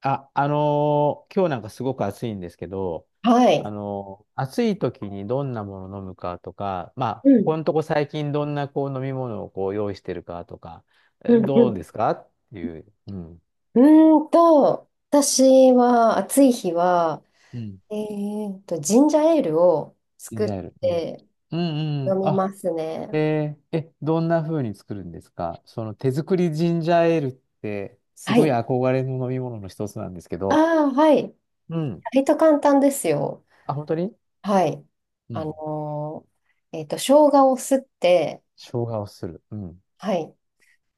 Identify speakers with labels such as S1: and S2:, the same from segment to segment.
S1: あ、今日なんかすごく暑いんですけど、
S2: はい。
S1: 暑い時にどんなものを飲むかとか、まあ、
S2: う
S1: こ
S2: ん、
S1: このとこ最近どんなこう飲み物をこう用意してるかとか、
S2: うん、う
S1: どう
S2: ん。
S1: ですかっていう、うん。
S2: 私は暑い日は、
S1: うん。
S2: ジンジャーエールを
S1: ジン
S2: 作
S1: ジ
S2: っ
S1: ャーエール。うん。
S2: て
S1: うんう
S2: 飲
S1: ん。
S2: み
S1: あ、
S2: ますね。
S1: えーえ、どんな風に作るんですかその手作りジンジャーエールって、す
S2: は
S1: ごい
S2: い。
S1: 憧れの飲み物の一つなんですけ
S2: あ
S1: ど、
S2: あ、はい。
S1: うん。
S2: 割と簡単ですよ。
S1: あ、本当に。
S2: はい。
S1: う
S2: あ
S1: ん。
S2: の生姜をすって、
S1: 生姜をする。うん。
S2: はい。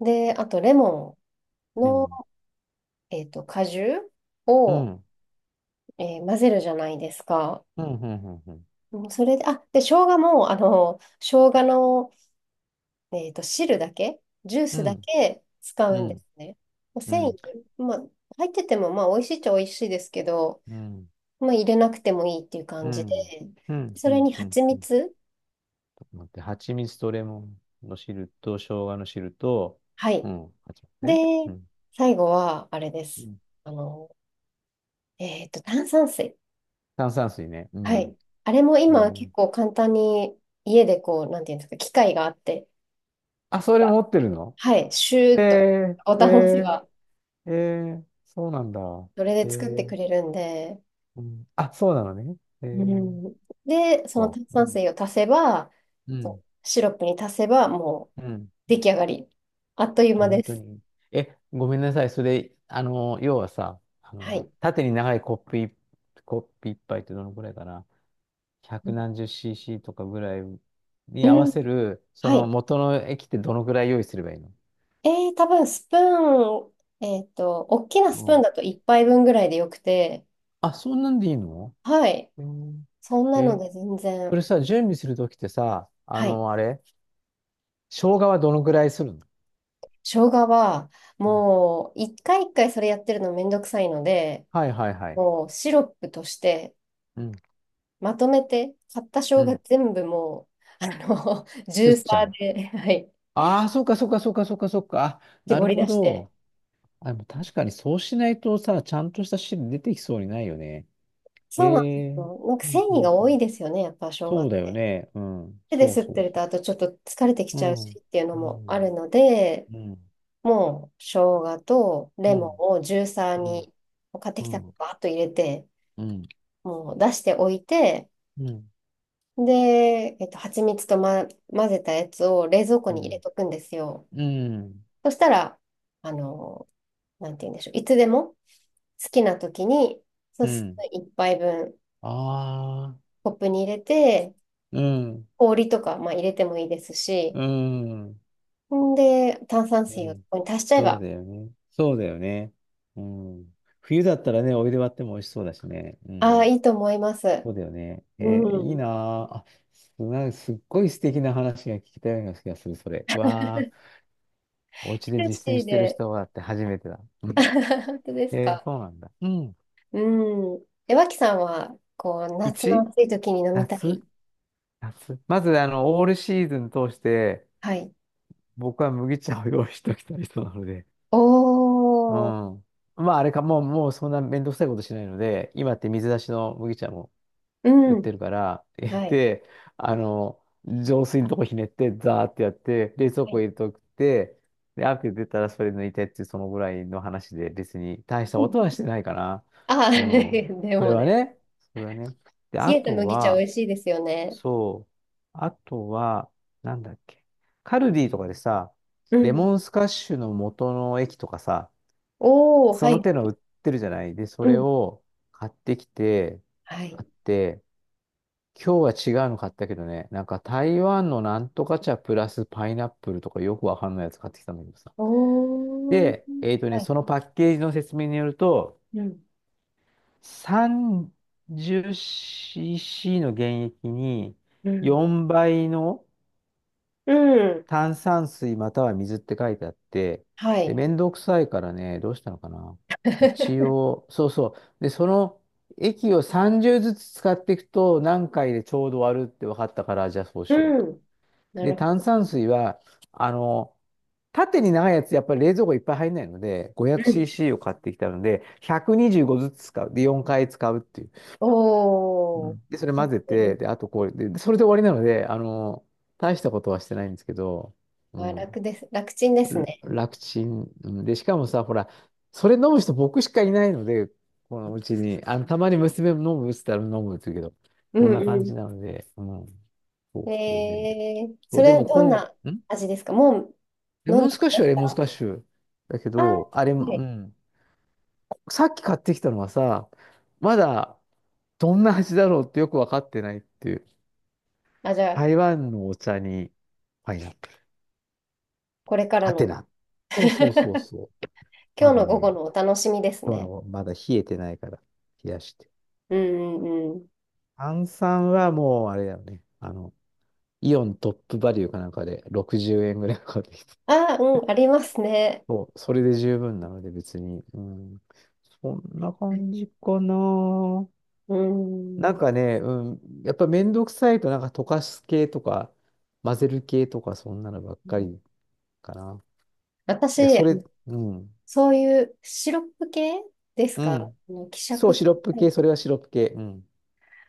S2: で、あとレモン
S1: レモ
S2: の、
S1: ン。
S2: 果汁
S1: う
S2: を、
S1: ん、
S2: 混ぜるじゃないですか。
S1: うん、うん、
S2: うん、それで、あ、で、生姜も、生姜の、汁だけ、ジュー
S1: う
S2: スだ
S1: ん、
S2: け使
S1: う
S2: うんです
S1: ん、
S2: ね。まあ
S1: う
S2: 繊維、
S1: ん、
S2: まあ、入ってても、まあ、美味しいっちゃ美味しいですけど、
S1: うん、
S2: まあ、入れなくてもいいっていう
S1: う
S2: 感じで、
S1: ん、うん、
S2: そ
S1: う
S2: れ
S1: ん、
S2: に
S1: うん、うん、
S2: 蜂
S1: うん、ち
S2: 蜜、
S1: ょっと待って、蜂蜜とレモンの汁と、生姜の汁と、
S2: は
S1: う
S2: い。
S1: ん、蜂蜜
S2: で、
S1: ね。うん、
S2: 最後は、あれで
S1: う
S2: す。
S1: ん。
S2: あの、炭酸水。
S1: 炭酸水ね。う
S2: は
S1: ん。
S2: い。あれも
S1: え
S2: 今、
S1: ー、
S2: 結構簡単に、家でこう、なんていうんですか、機械があって、
S1: あ、それ持ってるの？
S2: はい、シュ
S1: え
S2: ーッと、ボ
S1: ー、
S2: タンを押せ
S1: え
S2: ば、
S1: ー、えー、そうなんだ。
S2: それ
S1: え
S2: で作ってく
S1: ー、
S2: れるんで、
S1: うん、あ、そうなのね。え
S2: う
S1: ー、
S2: ん、で、その
S1: か。
S2: 炭
S1: う
S2: 酸
S1: ん、
S2: 水を足せば、
S1: う
S2: そ
S1: ん、
S2: うシロップに足せば、もう
S1: うん、
S2: 出来上がり。あっという
S1: あ、
S2: 間で
S1: 本当
S2: す。
S1: に。え、ごめんなさい。それ、あの、要はさ、あ
S2: は
S1: の、
S2: い。
S1: 縦に長いコップい、コップ一杯ってどのくらいかな。百何十cc とかぐらいに
S2: う
S1: 合わ
S2: ん。
S1: せる、そ
S2: は
S1: の
S2: い。
S1: 元の液ってどのくらい用意すればいいの？
S2: 多分スプーン、大きな
S1: う
S2: スプーン
S1: ん。
S2: だと1杯分ぐらいでよくて、
S1: あ、そんなんでいいの？
S2: はい。
S1: うん。
S2: そんなの
S1: え、
S2: で全
S1: こ
S2: 然。
S1: れさ、準備するときってさ、あ
S2: はい。
S1: の、あれ、生姜はどのくらいするの？
S2: 生姜は、
S1: うん。
S2: もう、一回一回それやってるのめんどくさいので、
S1: はいはいはい。
S2: もうシロップとして、
S1: うん、
S2: まとめて、買った
S1: う
S2: 生姜
S1: ん。
S2: 全部もう、あの、ジ
S1: す
S2: ュ
S1: っ
S2: ー
S1: ちゃ
S2: サー
S1: う。
S2: で、はい、
S1: ああ、そうかそうかそうかそうかそうか。あ、な
S2: 絞
S1: る
S2: り
S1: ほ
S2: 出して。
S1: ど。あ、でも確かにそうしないとさ、ちゃんとした汁出てきそうにないよね。へ
S2: そうなんで
S1: え。
S2: すよ。なんか
S1: う
S2: 繊
S1: んう
S2: 維が
S1: んう
S2: 多い
S1: ん。
S2: ですよね、やっぱ生姜
S1: そう
S2: っ
S1: だよ
S2: て。
S1: ね。うん。
S2: 手で
S1: そう
S2: 吸っ
S1: そ
S2: て
S1: う
S2: る
S1: そ
S2: と、あとちょっと疲れてき
S1: う。う
S2: ちゃうし
S1: ん。
S2: っていうの
S1: う
S2: もある
S1: ん。
S2: ので、
S1: うん。
S2: もう生姜と
S1: う
S2: レモ
S1: ん。
S2: ンをジューサー
S1: うん。
S2: に、買って
S1: う
S2: きたら
S1: ん。
S2: バーッと入れて、
S1: うん。
S2: もう出しておいて、
S1: うん。
S2: で、蜂蜜と、ま、混ぜたやつを冷蔵庫
S1: う
S2: に入れ
S1: ん。
S2: とくんですよ。
S1: うん。
S2: そしたら、あの、なんて言うんでしょう。いつでも好きな時に、そう
S1: う
S2: スプ
S1: ん。
S2: ーン一杯分
S1: ああ。
S2: コップに入れて、
S1: うん。
S2: 氷とか、まあ、入れてもいいですし、
S1: うん。
S2: んで、炭酸水をこ
S1: ね。
S2: こに足しちゃえ
S1: そう
S2: ば、
S1: だよね。そうだよね。うん。冬だったらね、お湯で割っても美味しそうだしね。う
S2: ああ、
S1: ん。
S2: いいと思います。
S1: そうだよね。
S2: う
S1: えーいい
S2: ん。
S1: なあ。あ、なんかすっごい素敵な話が聞けたような気がする、それ。わあ、お家で
S2: ヘル
S1: 実践
S2: シー
S1: してる
S2: で。
S1: 人はって初めてだ。うん。
S2: 本当です
S1: えー
S2: か。
S1: そうなんだ。うん。
S2: うん。え、脇さんは、こう、
S1: う
S2: 夏の
S1: ち
S2: 暑い時に飲みた
S1: 夏
S2: い。
S1: 夏まず、あの、オールシーズン通して、
S2: はい。
S1: 僕は麦茶を用意しておきたい人なので。うん。
S2: おー。
S1: まあ、あれか、もうそんなめんどくさいことしないので、今って水出しの麦茶も
S2: う
S1: 売っ
S2: ん。
S1: てるから、
S2: はい。
S1: で、あの、浄水のとこひねって、ザーってやって、冷蔵
S2: は
S1: 庫
S2: い。
S1: 入れとくって、で、アク出たらそれ抜いてっていう、そのぐらいの話で、別に大した
S2: う
S1: こ
S2: ん、
S1: とはしてないかな。
S2: ああ、
S1: うん。
S2: で
S1: それ
S2: も
S1: は
S2: ね、
S1: ね、それはね。で、
S2: 冷
S1: あ
S2: えた
S1: と
S2: 麦茶美
S1: は、
S2: 味しいですよね。
S1: そう、あとは、なんだっけ、カルディとかでさ、
S2: う
S1: レ
S2: ん。
S1: モンスカッシュの元の液とかさ、
S2: おお、
S1: そ
S2: は
S1: の
S2: い。
S1: 手の売ってるじゃない。で、そ
S2: う
S1: れ
S2: ん。
S1: を買ってきて、
S2: は
S1: あ
S2: い。
S1: って、今日は違うの買ったけどね、なんか台湾のなんとか茶プラスパイナップルとかよくわかんないやつ買ってきたんだけどさ。
S2: おー。
S1: で、
S2: はい。
S1: そのパッケージの説明によると、
S2: うん。
S1: 30cc の原液に
S2: うん。
S1: 4倍の
S2: うん。
S1: 炭酸水または水って書いてあって、
S2: は
S1: で、
S2: い。
S1: めんどくさいからね、どうしたのかな。一応、そうそう。で、その液を30ずつ使っていくと何回でちょうど割るって分かったから、じゃあそうしよう
S2: う
S1: と。
S2: ん。な
S1: で、
S2: るほ
S1: 炭
S2: ど。
S1: 酸水は、あの、縦に長いやつ、やっぱり冷蔵庫いっぱい入んないので、
S2: うん。
S1: 500cc を買ってきたので、125ずつ使う。で、4回使うっていう。う
S2: おー。
S1: ん。で、それ混ぜ
S2: う
S1: て、
S2: ん、
S1: で、あとこれでそれで終わりなので、あの、大したことはしてないんですけど、う
S2: あ、楽
S1: ん、
S2: です。楽ちんですね。
S1: 楽ちん。うんで、しかもさ、ほら、それ飲む人僕しかいないので、このうちに、あの、たまに娘も飲むって言ったら飲むって言うけど、
S2: う
S1: こんな感
S2: ん、う
S1: じなので、うん、そ
S2: ん。
S1: う、それでね。
S2: えー、
S1: そ
S2: そ
S1: う、で
S2: れは
S1: も、こ
S2: どん
S1: ん、
S2: な
S1: ん
S2: 味ですか？もう
S1: レ
S2: 飲ん
S1: モン
S2: で
S1: スカッ
S2: ま
S1: シュ
S2: す
S1: はレモンス
S2: か？
S1: カッシュだけ
S2: あ、
S1: ど、あれ、う
S2: はい。
S1: ん。さっき買ってきたのはさ、まだどんな味だろうってよくわかってないっていう。
S2: あ、じゃあ、
S1: 台湾のお茶にパイナップル。
S2: これから
S1: アテ
S2: の。
S1: ナ。そう そうそうそう。
S2: 今
S1: ま
S2: 日
S1: だ
S2: の午後
S1: ね、
S2: のお楽しみです
S1: 今日
S2: ね。
S1: のまだ冷えてないから冷やして。
S2: うん、うん、うん。
S1: 炭酸はもうあれだよね。あの、イオントップバリューかなんかで60円ぐらいかかってきた。
S2: あ、うん、ありますね。
S1: そう、それで十分なので別に。うん。そんな感じかな。
S2: うー
S1: なん
S2: ん。
S1: かね、うん、やっぱめんどくさいと、なんか溶かす系とか、混ぜる系とか、そんなのばっかりかな。いや、
S2: 私、
S1: それ、うん、
S2: そういうシロップ系です
S1: う
S2: か？あ
S1: ん。
S2: の希
S1: そ
S2: 釈
S1: う、
S2: す
S1: シ
S2: る
S1: ロップ
S2: タ
S1: 系、
S2: イ
S1: そ
S2: プ
S1: れはシロップ系。うん。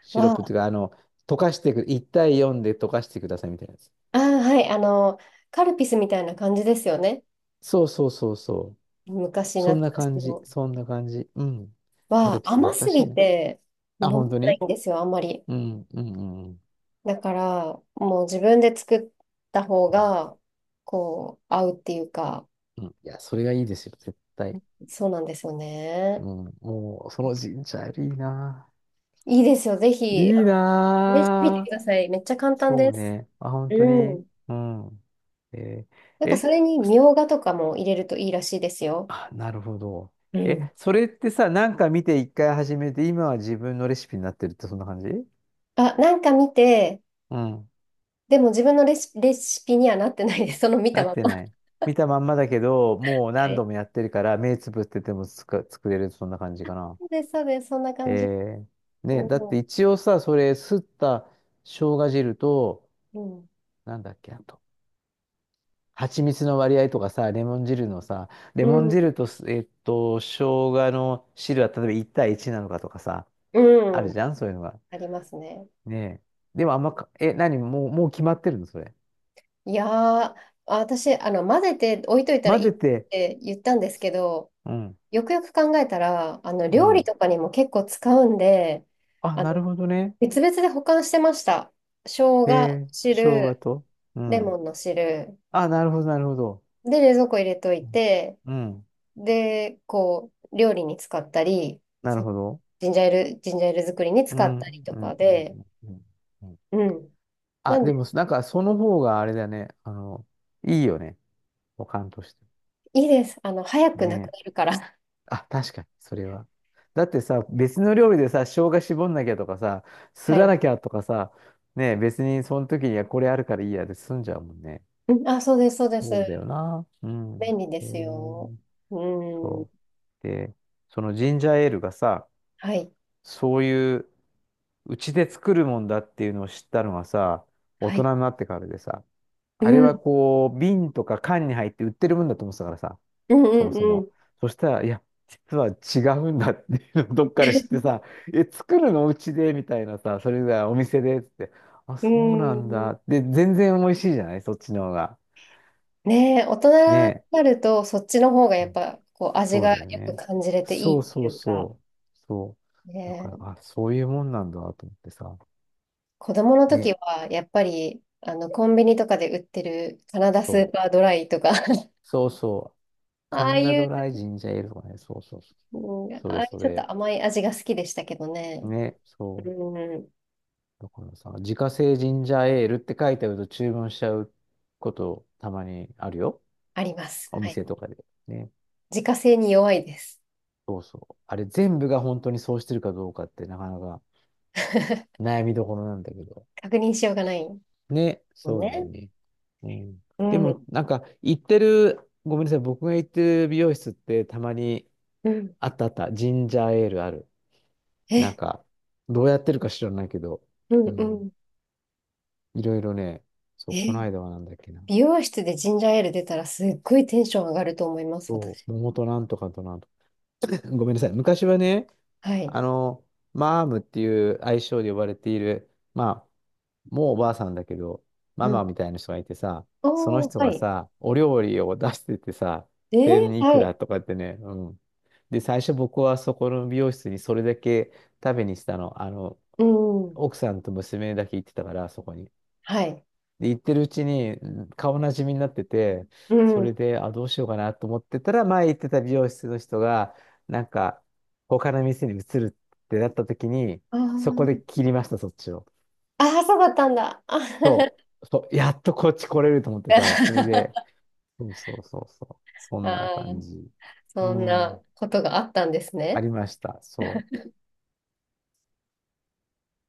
S1: シロップって
S2: は、
S1: いうか、あの、溶かしてく、1対4で溶かしてくださいみたいなやつ。
S2: ああ、はい、カルピスみたいな感じですよね。
S1: そうそうそうそう。
S2: 昔
S1: そ
S2: 懐
S1: んな
S2: かし
S1: 感じ、
S2: の。
S1: そんな感じ。うん。カ
S2: は、
S1: ルピス懐
S2: 甘
S1: か
S2: す
S1: しい
S2: ぎ
S1: な。
S2: て飲
S1: あ、
S2: め
S1: 本当
S2: ない
S1: に。
S2: んですよ、あんまり。
S1: うん、うん、うん。
S2: だから、もう自分で作った方
S1: うん、
S2: が、こう、合うっていうか、
S1: うん。いや、それがいいですよ、絶対。
S2: そうなんですよ
S1: う
S2: ね。
S1: ん、もう、そのジンジャーエールいいな。
S2: いいですよ、ぜひ、
S1: いい
S2: 試してみてく
S1: な
S2: だ
S1: ぁ。
S2: さい。めっちゃ簡単
S1: そ
S2: で
S1: う
S2: す。
S1: ね。あ、本当
S2: う
S1: に。
S2: ん。
S1: うん。えー、
S2: なんかそ
S1: え、
S2: れにみょうがとかも入れるといいらしいですよ。
S1: あ、なるほど。
S2: う
S1: え、
S2: ん。
S1: それってさ、なんか見て一回始めて、今は自分のレシピになってるってそんな感じ？
S2: あ、なんか見て、
S1: うん。
S2: でも自分のレシピにはなってないです。その見た
S1: なっ
S2: ま
S1: てな
S2: ま。
S1: い。見たまんまだけど、もう
S2: は
S1: 何
S2: い。
S1: 度もやってるから、目つぶっててもつか作れる、そんな感じかな。
S2: そうです、そうです。そんな感じ。
S1: えー、ね、だっ
S2: う
S1: て
S2: ん。
S1: 一応さ、それ、すった生姜汁と、
S2: うん。
S1: なんだっけ、あと蜂蜜の割合とかさ、レモン汁のさ、レ
S2: う
S1: モン
S2: ん。
S1: 汁とす、えっと、生姜の汁は例えば1対1なのかとかさ、ある
S2: うん、
S1: じゃん、そういうのが。
S2: ありますね。
S1: ねえ。でもあんまか、え、何、もう決まってるの、それ？
S2: いやー、私、混ぜて置いといたら
S1: 混
S2: いい
S1: ぜ
S2: っ
S1: て、
S2: て言ったんですけど、
S1: うん、
S2: よくよく考えたら、
S1: う
S2: 料理
S1: ん。
S2: とかにも結構使うんで、
S1: あ、
S2: あの、
S1: なるほどね。
S2: 別々で保管してました。生
S1: え
S2: 姜
S1: ー、生姜
S2: 汁、
S1: と。う
S2: レモ
S1: ん。
S2: ンの汁、
S1: あ、なるほど。
S2: で、冷蔵庫入れとい
S1: うん、
S2: て、
S1: うん。
S2: で、こう、料理に使ったり、
S1: なる
S2: そ
S1: ほど。
S2: ジンジャーエール、ジンジャーエール作りに
S1: う
S2: 使っ
S1: ん、う
S2: たり
S1: ん、
S2: と
S1: う
S2: か
S1: ん、
S2: で、
S1: うん。うん。
S2: うん。
S1: あ、
S2: なんで、
S1: でも、なんか、その方があれだね。あの、いいよね。保管として。
S2: いいです。あの、早くなく
S1: ね
S2: なる
S1: え。
S2: から。
S1: あ、確かに、それは。だってさ、別の料理でさ、生姜絞んなきゃとかさ、す
S2: は
S1: ら
S2: い。
S1: なきゃとかさ、ねえ、別にその時にはこれあるからいいやで済んじゃうもんね。
S2: うん、あ、そうです、そうです。
S1: そうだよな。うん。
S2: 便利で
S1: へ
S2: すよ。
S1: え。
S2: う
S1: そ
S2: ん。
S1: う。で、そのジンジャーエールがさ、
S2: はい。
S1: そういう、うちで作るもんだっていうのを知ったのはさ、大
S2: はい。
S1: 人になってからでさ、
S2: う
S1: あれは
S2: ん。
S1: こう、瓶とか缶に入って売ってるもんだと思ってたからさ、
S2: うん、う
S1: そもそ
S2: ん、う
S1: も。
S2: ん。
S1: そしたら、いや、実は違うんだっていうのをどっかで知って さ、え、作るのうちでみたいなさ、それがお店でっつって、あ、
S2: うー
S1: そうなん
S2: ん。
S1: だ。で、全然美味しいじゃないそっちの方が。
S2: ねえ、大
S1: ね
S2: 人になると、そっちの方が
S1: え。
S2: や
S1: う
S2: っ
S1: ん、
S2: ぱ、こう、味
S1: そう
S2: が
S1: だよ
S2: よく
S1: ね。
S2: 感じれてい
S1: そ
S2: い
S1: う
S2: って
S1: そ
S2: い
S1: う
S2: うか、
S1: そう。そう。だから、
S2: ね、
S1: あ、そういうもんなんだと思ってさ。
S2: 子供の
S1: ね。
S2: 時は、やっぱり、コンビニとかで売ってるカナダス
S1: そ
S2: ーパー
S1: う。
S2: ドライとか
S1: そうそう。カ
S2: ああ
S1: ンダ
S2: い
S1: ド
S2: う、
S1: ライジンジャーエールとかね。そうそうそう。
S2: うん、
S1: そ
S2: あ
S1: れ
S2: あいう
S1: そ
S2: ちょっ
S1: れ。
S2: と甘い味が好きでしたけどね。
S1: ね、そ
S2: う
S1: う。
S2: ん、
S1: だからさ、自家製ジンジャーエールって書いてあると注文しちゃうことたまにあるよ。
S2: あります。
S1: お
S2: はい。
S1: 店とかで。ね。
S2: 自家製に弱いです。
S1: そうそう。あれ全部が本当にそうしてるかどうかってなかなか悩みどころなんだけど。
S2: 確認しようがない
S1: ね、
S2: もん
S1: そうだよ
S2: ね。
S1: ね。うん。
S2: う
S1: で
S2: ん、
S1: も、なんか、行ってる、ごめんなさい、僕が行ってる美容室ってたまに
S2: うん。
S1: あったあった、ジンジャーエールある。なん
S2: え、
S1: か、どうやってるか知らないけど、
S2: うん、
S1: う
S2: う
S1: ん。
S2: ん。
S1: いろいろね、そう、こ
S2: え、
S1: の間はなんだっけな。
S2: 美容室でジンジャーエール出たらすっごいテンション上がると思います、
S1: そ
S2: 私。
S1: う、桃となんとかとなんとか。ごめんなさい。昔はね、
S2: は
S1: あ
S2: い。
S1: の、マームっていう愛称で呼ばれている、まあ、もうおばあさんだけど、
S2: う
S1: マ
S2: ん。
S1: マみたいな人がいてさ、その
S2: おー、
S1: 人
S2: は
S1: が
S2: い。
S1: さ、お料理を出しててさ、
S2: えー、
S1: 千いく
S2: は
S1: ら
S2: い。
S1: とかってね、うん。で、最初僕はそこの美容室にそれだけ食べにしたの。あの、
S2: うん。
S1: 奥さんと娘だけ行ってたから、そこに。
S2: はい。
S1: で、行ってるうちにうん顔なじみになってて、
S2: う
S1: それ
S2: ん。
S1: で、あ、どうしようかなと思ってたら、前行ってた美容室の人が、なんか、他の店に移るってなった時に、
S2: あ
S1: そこで
S2: あ。
S1: 切りました、そっちを。
S2: ああ、そうだったんだ。あ
S1: そう、そう、やっとこっち来れると思ってさ、それで、そうそうそうそう、そんな
S2: あ
S1: 感
S2: ー、
S1: じ。う
S2: そんな
S1: ん、
S2: ことがあったんです
S1: あ
S2: ね。
S1: りました、そう。